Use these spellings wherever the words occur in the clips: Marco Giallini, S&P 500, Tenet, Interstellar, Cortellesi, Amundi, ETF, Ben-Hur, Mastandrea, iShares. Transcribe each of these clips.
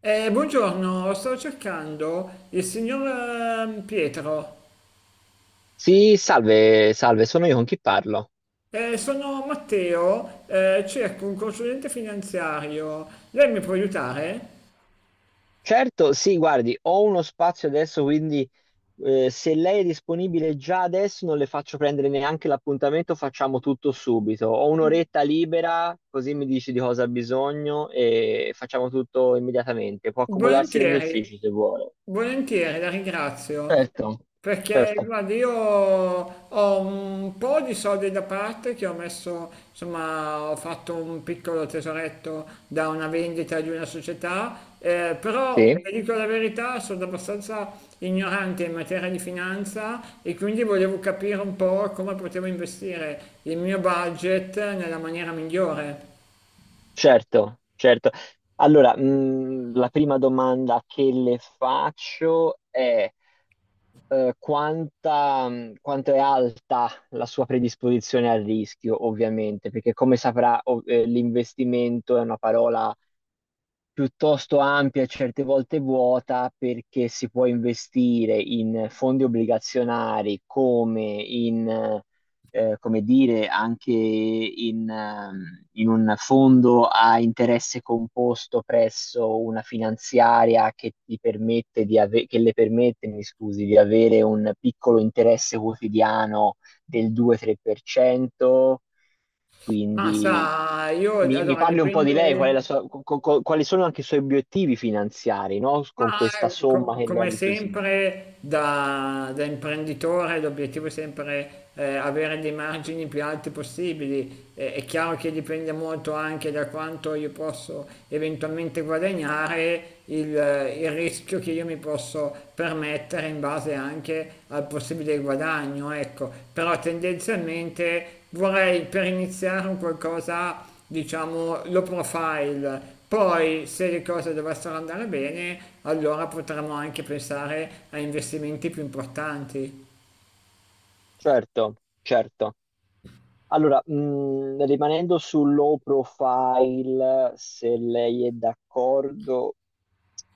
Buongiorno, stavo cercando il signor Pietro. Sì, salve, salve, sono io con chi parlo. Sono Matteo, cerco un consulente finanziario. Lei mi può aiutare? Certo, sì, guardi, ho uno spazio adesso, quindi se lei è disponibile già adesso non le faccio prendere neanche l'appuntamento, facciamo tutto subito. Ho un'oretta libera, così mi dici di cosa ha bisogno e facciamo tutto immediatamente. Può accomodarsi nel mio Volentieri, ufficio se vuole. volentieri, la ringrazio. Certo, Perché certo, guarda, io ho un po' di soldi da parte che ho messo, insomma, ho fatto un piccolo tesoretto da una vendita di una società, però sì, vi dico la verità, sono abbastanza ignorante in materia di finanza e quindi volevo capire un po' come potevo investire il mio budget nella maniera migliore. certo, certo. Allora, la prima domanda che le faccio è... quanta, quanto è alta la sua predisposizione al rischio, ovviamente, perché come saprà, l'investimento è una parola piuttosto ampia e certe volte vuota, perché si può investire in fondi obbligazionari come in, come dire, anche in un fondo a interesse composto presso una finanziaria che le permette, mi scusi, di avere un piccolo interesse quotidiano del 2-3%. Ma Quindi sa, io mi allora parli un po' di lei, qual è dipende. la sua- co- co- quali sono anche i suoi obiettivi finanziari, no? Con Ma questa somma che lei ha a come disposizione. sempre da imprenditore l'obiettivo è sempre avere dei margini più alti possibili. È chiaro che dipende molto anche da quanto io posso eventualmente guadagnare, il rischio che io mi posso permettere in base anche al possibile guadagno, ecco. Però tendenzialmente vorrei per iniziare un qualcosa diciamo, low profile. Poi, se le cose dovessero andare bene, allora potremmo anche pensare a investimenti più importanti, Certo, certo. Allora, rimanendo sul low profile, se lei è d'accordo,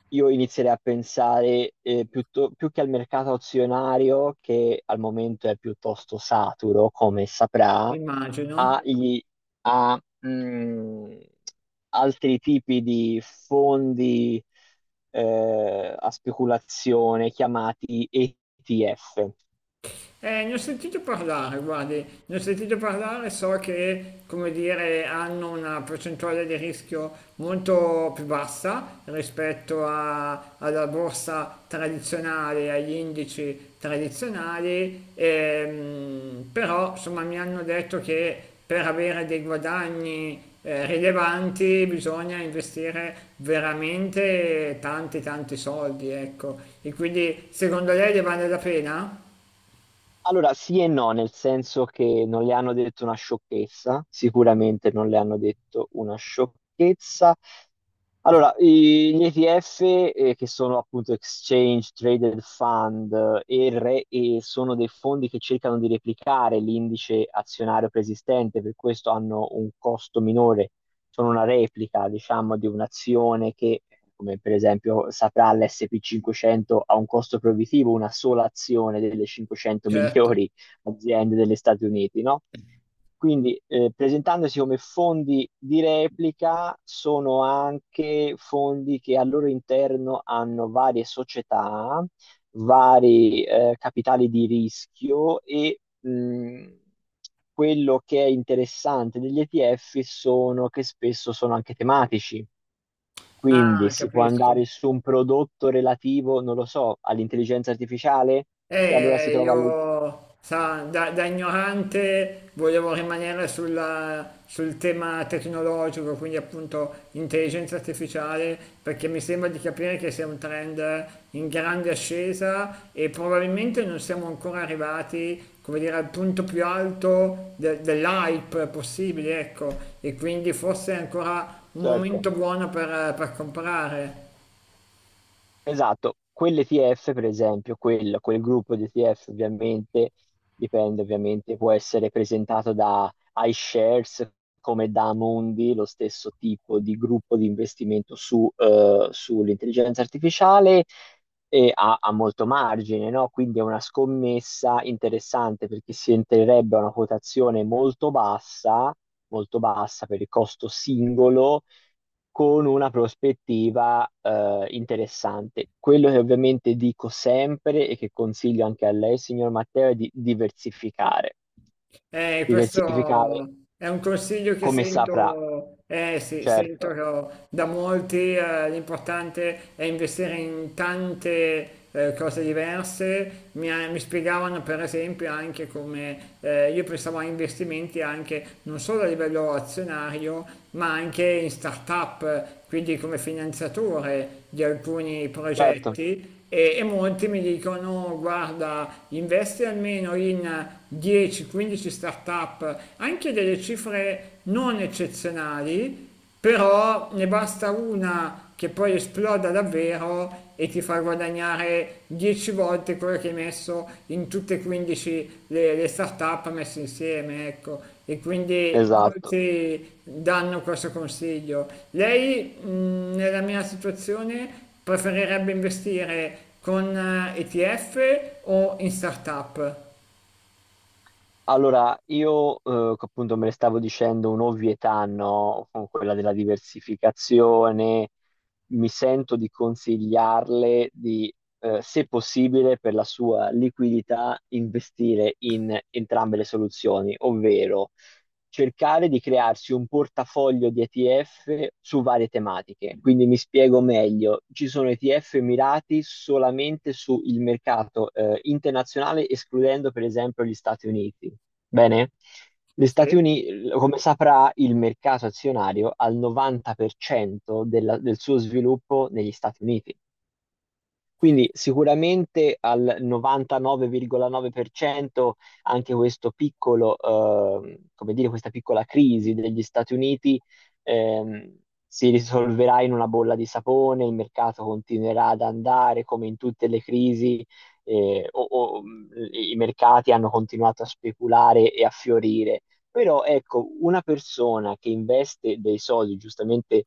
io inizierei a pensare, più che al mercato azionario, che al momento è piuttosto saturo, come saprà, immagino. a, i- a, mh, altri tipi di fondi a speculazione, chiamati ETF. Ne ho sentito parlare, guardi, ne ho sentito parlare, so che, come dire, hanno una percentuale di rischio molto più bassa alla borsa tradizionale, agli indici tradizionali, però insomma mi hanno detto che per avere dei guadagni rilevanti bisogna investire veramente tanti tanti soldi, ecco. E quindi secondo lei ne vale la pena? Allora, sì e no, nel senso che non le hanno detto una sciocchezza, sicuramente non le hanno detto una sciocchezza. Allora, gli ETF, che sono appunto Exchange Traded Fund, e sono dei fondi che cercano di replicare l'indice azionario preesistente, per questo hanno un costo minore, sono una replica, diciamo, di un'azione che, come per esempio saprà l'S&P 500, ha un costo proibitivo: una sola azione delle 500 Certo. migliori aziende degli Stati Uniti, no? Quindi, presentandosi come fondi di replica, sono anche fondi che al loro interno hanno varie società, vari capitali di rischio, e quello che è interessante degli ETF sono che spesso sono anche tematici. Quindi Ah, si può capisco. andare su un prodotto relativo, non lo so, all'intelligenza artificiale e allora si trova alle... Io, sa, da ignorante volevo rimanere sul tema tecnologico, quindi appunto intelligenza artificiale, perché mi sembra di capire che sia un trend in grande ascesa e probabilmente non siamo ancora arrivati, come dire, al punto più alto dell'hype possibile, ecco, e quindi forse è ancora un momento Certo. buono per comprare. Esatto, quell'ETF per esempio, quel gruppo di ETF ovviamente, dipende ovviamente, può essere presentato da iShares come da Amundi, lo stesso tipo di gruppo di investimento sull'intelligenza artificiale, e ha molto margine, no? Quindi è una scommessa interessante, perché si entrerebbe a una quotazione molto bassa per il costo singolo, con una prospettiva interessante. Quello che ovviamente dico sempre e che consiglio anche a lei, signor Matteo, è di diversificare. Diversificare, Questo è un consiglio che come saprà. sento, sì, sento Certo, da molti, l'importante è investire in tante cose diverse. Mi spiegavano per esempio anche come io pensavo a investimenti anche non solo a livello azionario, ma anche in start-up, quindi come finanziatore di alcuni certo, progetti e molti mi dicono guarda investi almeno in 10-15 startup, anche delle cifre non eccezionali, però ne basta una che poi esploda davvero e ti fa guadagnare 10 volte quello che hai messo in tutte e 15 le start-up messe insieme, ecco. E quindi esatto. molti danno questo consiglio. Lei, nella mia situazione, preferirebbe investire con ETF o in startup? Allora, io, che appunto me ne stavo dicendo un'ovvietà, no? Con quella della diversificazione, mi sento di consigliarle di, se possibile, per la sua liquidità, investire in entrambe le soluzioni, ovvero cercare di crearsi un portafoglio di ETF su varie tematiche. Quindi, mi spiego meglio, ci sono ETF mirati solamente sul mercato internazionale, escludendo per esempio gli Stati Uniti. Bene, gli Stati Sì, Uniti, come saprà, il mercato azionario ha il 90% del suo sviluppo negli Stati Uniti. Quindi sicuramente al 99,9% anche questo piccolo, come dire, questa piccola crisi degli Stati Uniti ehm, si risolverà in una bolla di sapone, il mercato continuerà ad andare come in tutte le crisi, i mercati hanno continuato a speculare e a fiorire. Però ecco, una persona che investe dei soldi, giustamente,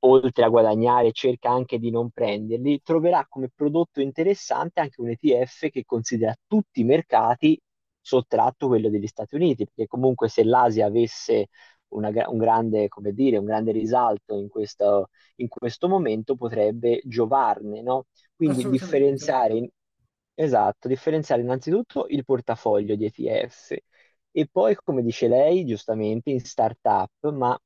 oltre a guadagnare, cerca anche di non prenderli, troverà come prodotto interessante anche un ETF che considera tutti i mercati sottratto quello degli Stati Uniti, perché comunque, se l'Asia avesse un grande, come dire, un grande risalto in questo, momento potrebbe giovarne, no? Quindi assolutamente, differenziare, esatto, differenziare innanzitutto il portafoglio di ETF e poi, come dice lei, giustamente in startup, ma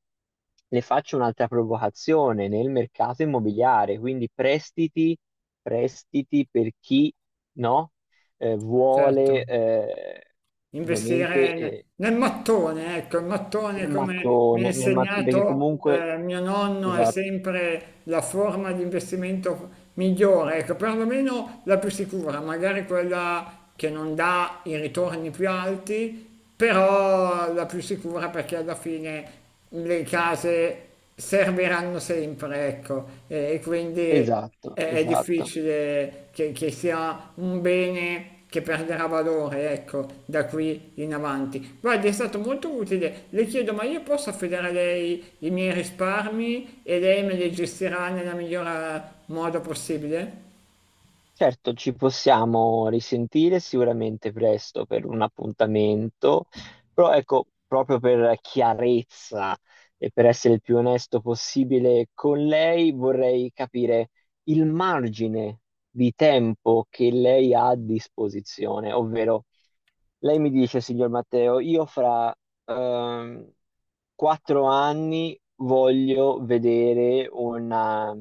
le faccio un'altra provocazione: nel mercato immobiliare, quindi prestiti per chi, no, certo. vuole, ovviamente, Investire nel mattone, ecco, il mattone il come mi ha mattone, perché insegnato comunque, mio nonno è esatto, sempre la forma di investimento migliore, ecco, perlomeno la più sicura, magari quella che non dà i ritorni più alti, però la più sicura perché alla fine le case serviranno sempre, ecco, e quindi esatto, è esatto. difficile che sia un bene che perderà valore, ecco, da qui in avanti. Guardi, è stato molto utile. Le chiedo, ma io posso affidare a lei i miei risparmi e lei me li gestirà nel miglior modo possibile? Certo, ci possiamo risentire sicuramente presto per un appuntamento, però ecco, proprio per chiarezza e per essere il più onesto possibile con lei, vorrei capire il margine di tempo che lei ha a disposizione, ovvero: lei mi dice, signor Matteo, io fra ehm, 4 anni voglio vedere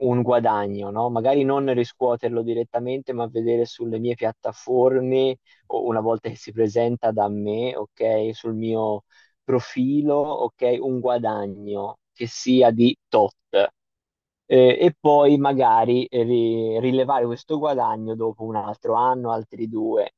un guadagno, no? Magari non riscuoterlo direttamente, ma vedere sulle mie piattaforme, o una volta che si presenta da me, ok, sul mio profilo, ok, un guadagno che sia di tot. E poi magari, rilevare questo guadagno dopo un altro anno, altri due.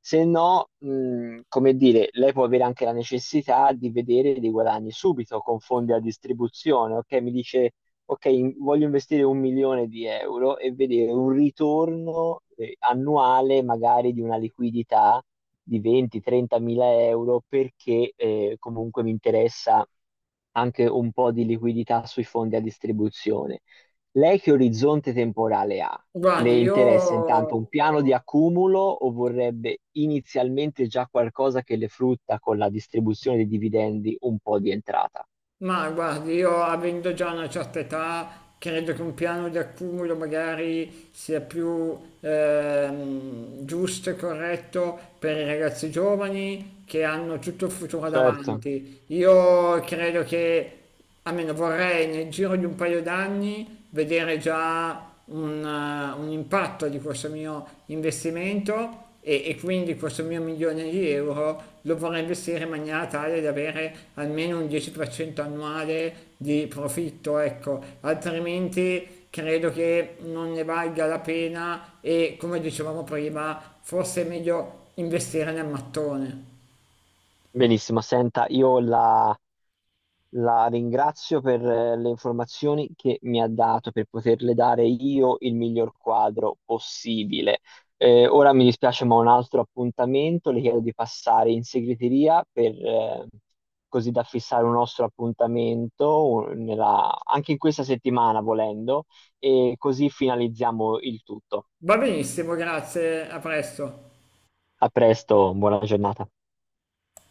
Se no, come dire, lei può avere anche la necessità di vedere dei guadagni subito con fondi a distribuzione. Ok, mi dice, ok, voglio investire un milione di euro e vedere un ritorno annuale, magari, di una liquidità di 20-30 mila euro, perché, comunque, mi interessa anche un po' di liquidità sui fondi a distribuzione. Lei che orizzonte temporale ha? Le Guardi, interessa intanto io... un piano di accumulo, o vorrebbe inizialmente già qualcosa che le frutta, con la distribuzione dei dividendi, un po' di entrata? Ma guardi, io avendo già una certa età, credo che un piano di accumulo magari sia più giusto e corretto per i ragazzi giovani che hanno tutto il futuro Certo, davanti. Io credo che almeno vorrei nel giro di un paio d'anni vedere già un impatto di questo mio investimento e quindi questo mio milione di euro lo vorrei investire in maniera tale da avere almeno un 10% annuale di profitto, ecco, altrimenti credo che non ne valga la pena e come dicevamo prima, forse è meglio investire nel mattone. benissimo. Senta, io la La ringrazio per le informazioni che mi ha dato, per poterle dare io il miglior quadro possibile. Ora mi dispiace, ma ho un altro appuntamento. Le chiedo di passare in segreteria per così da fissare un nostro appuntamento anche in questa settimana, volendo, e così finalizziamo il tutto. Va benissimo, grazie, a presto. A presto, buona giornata.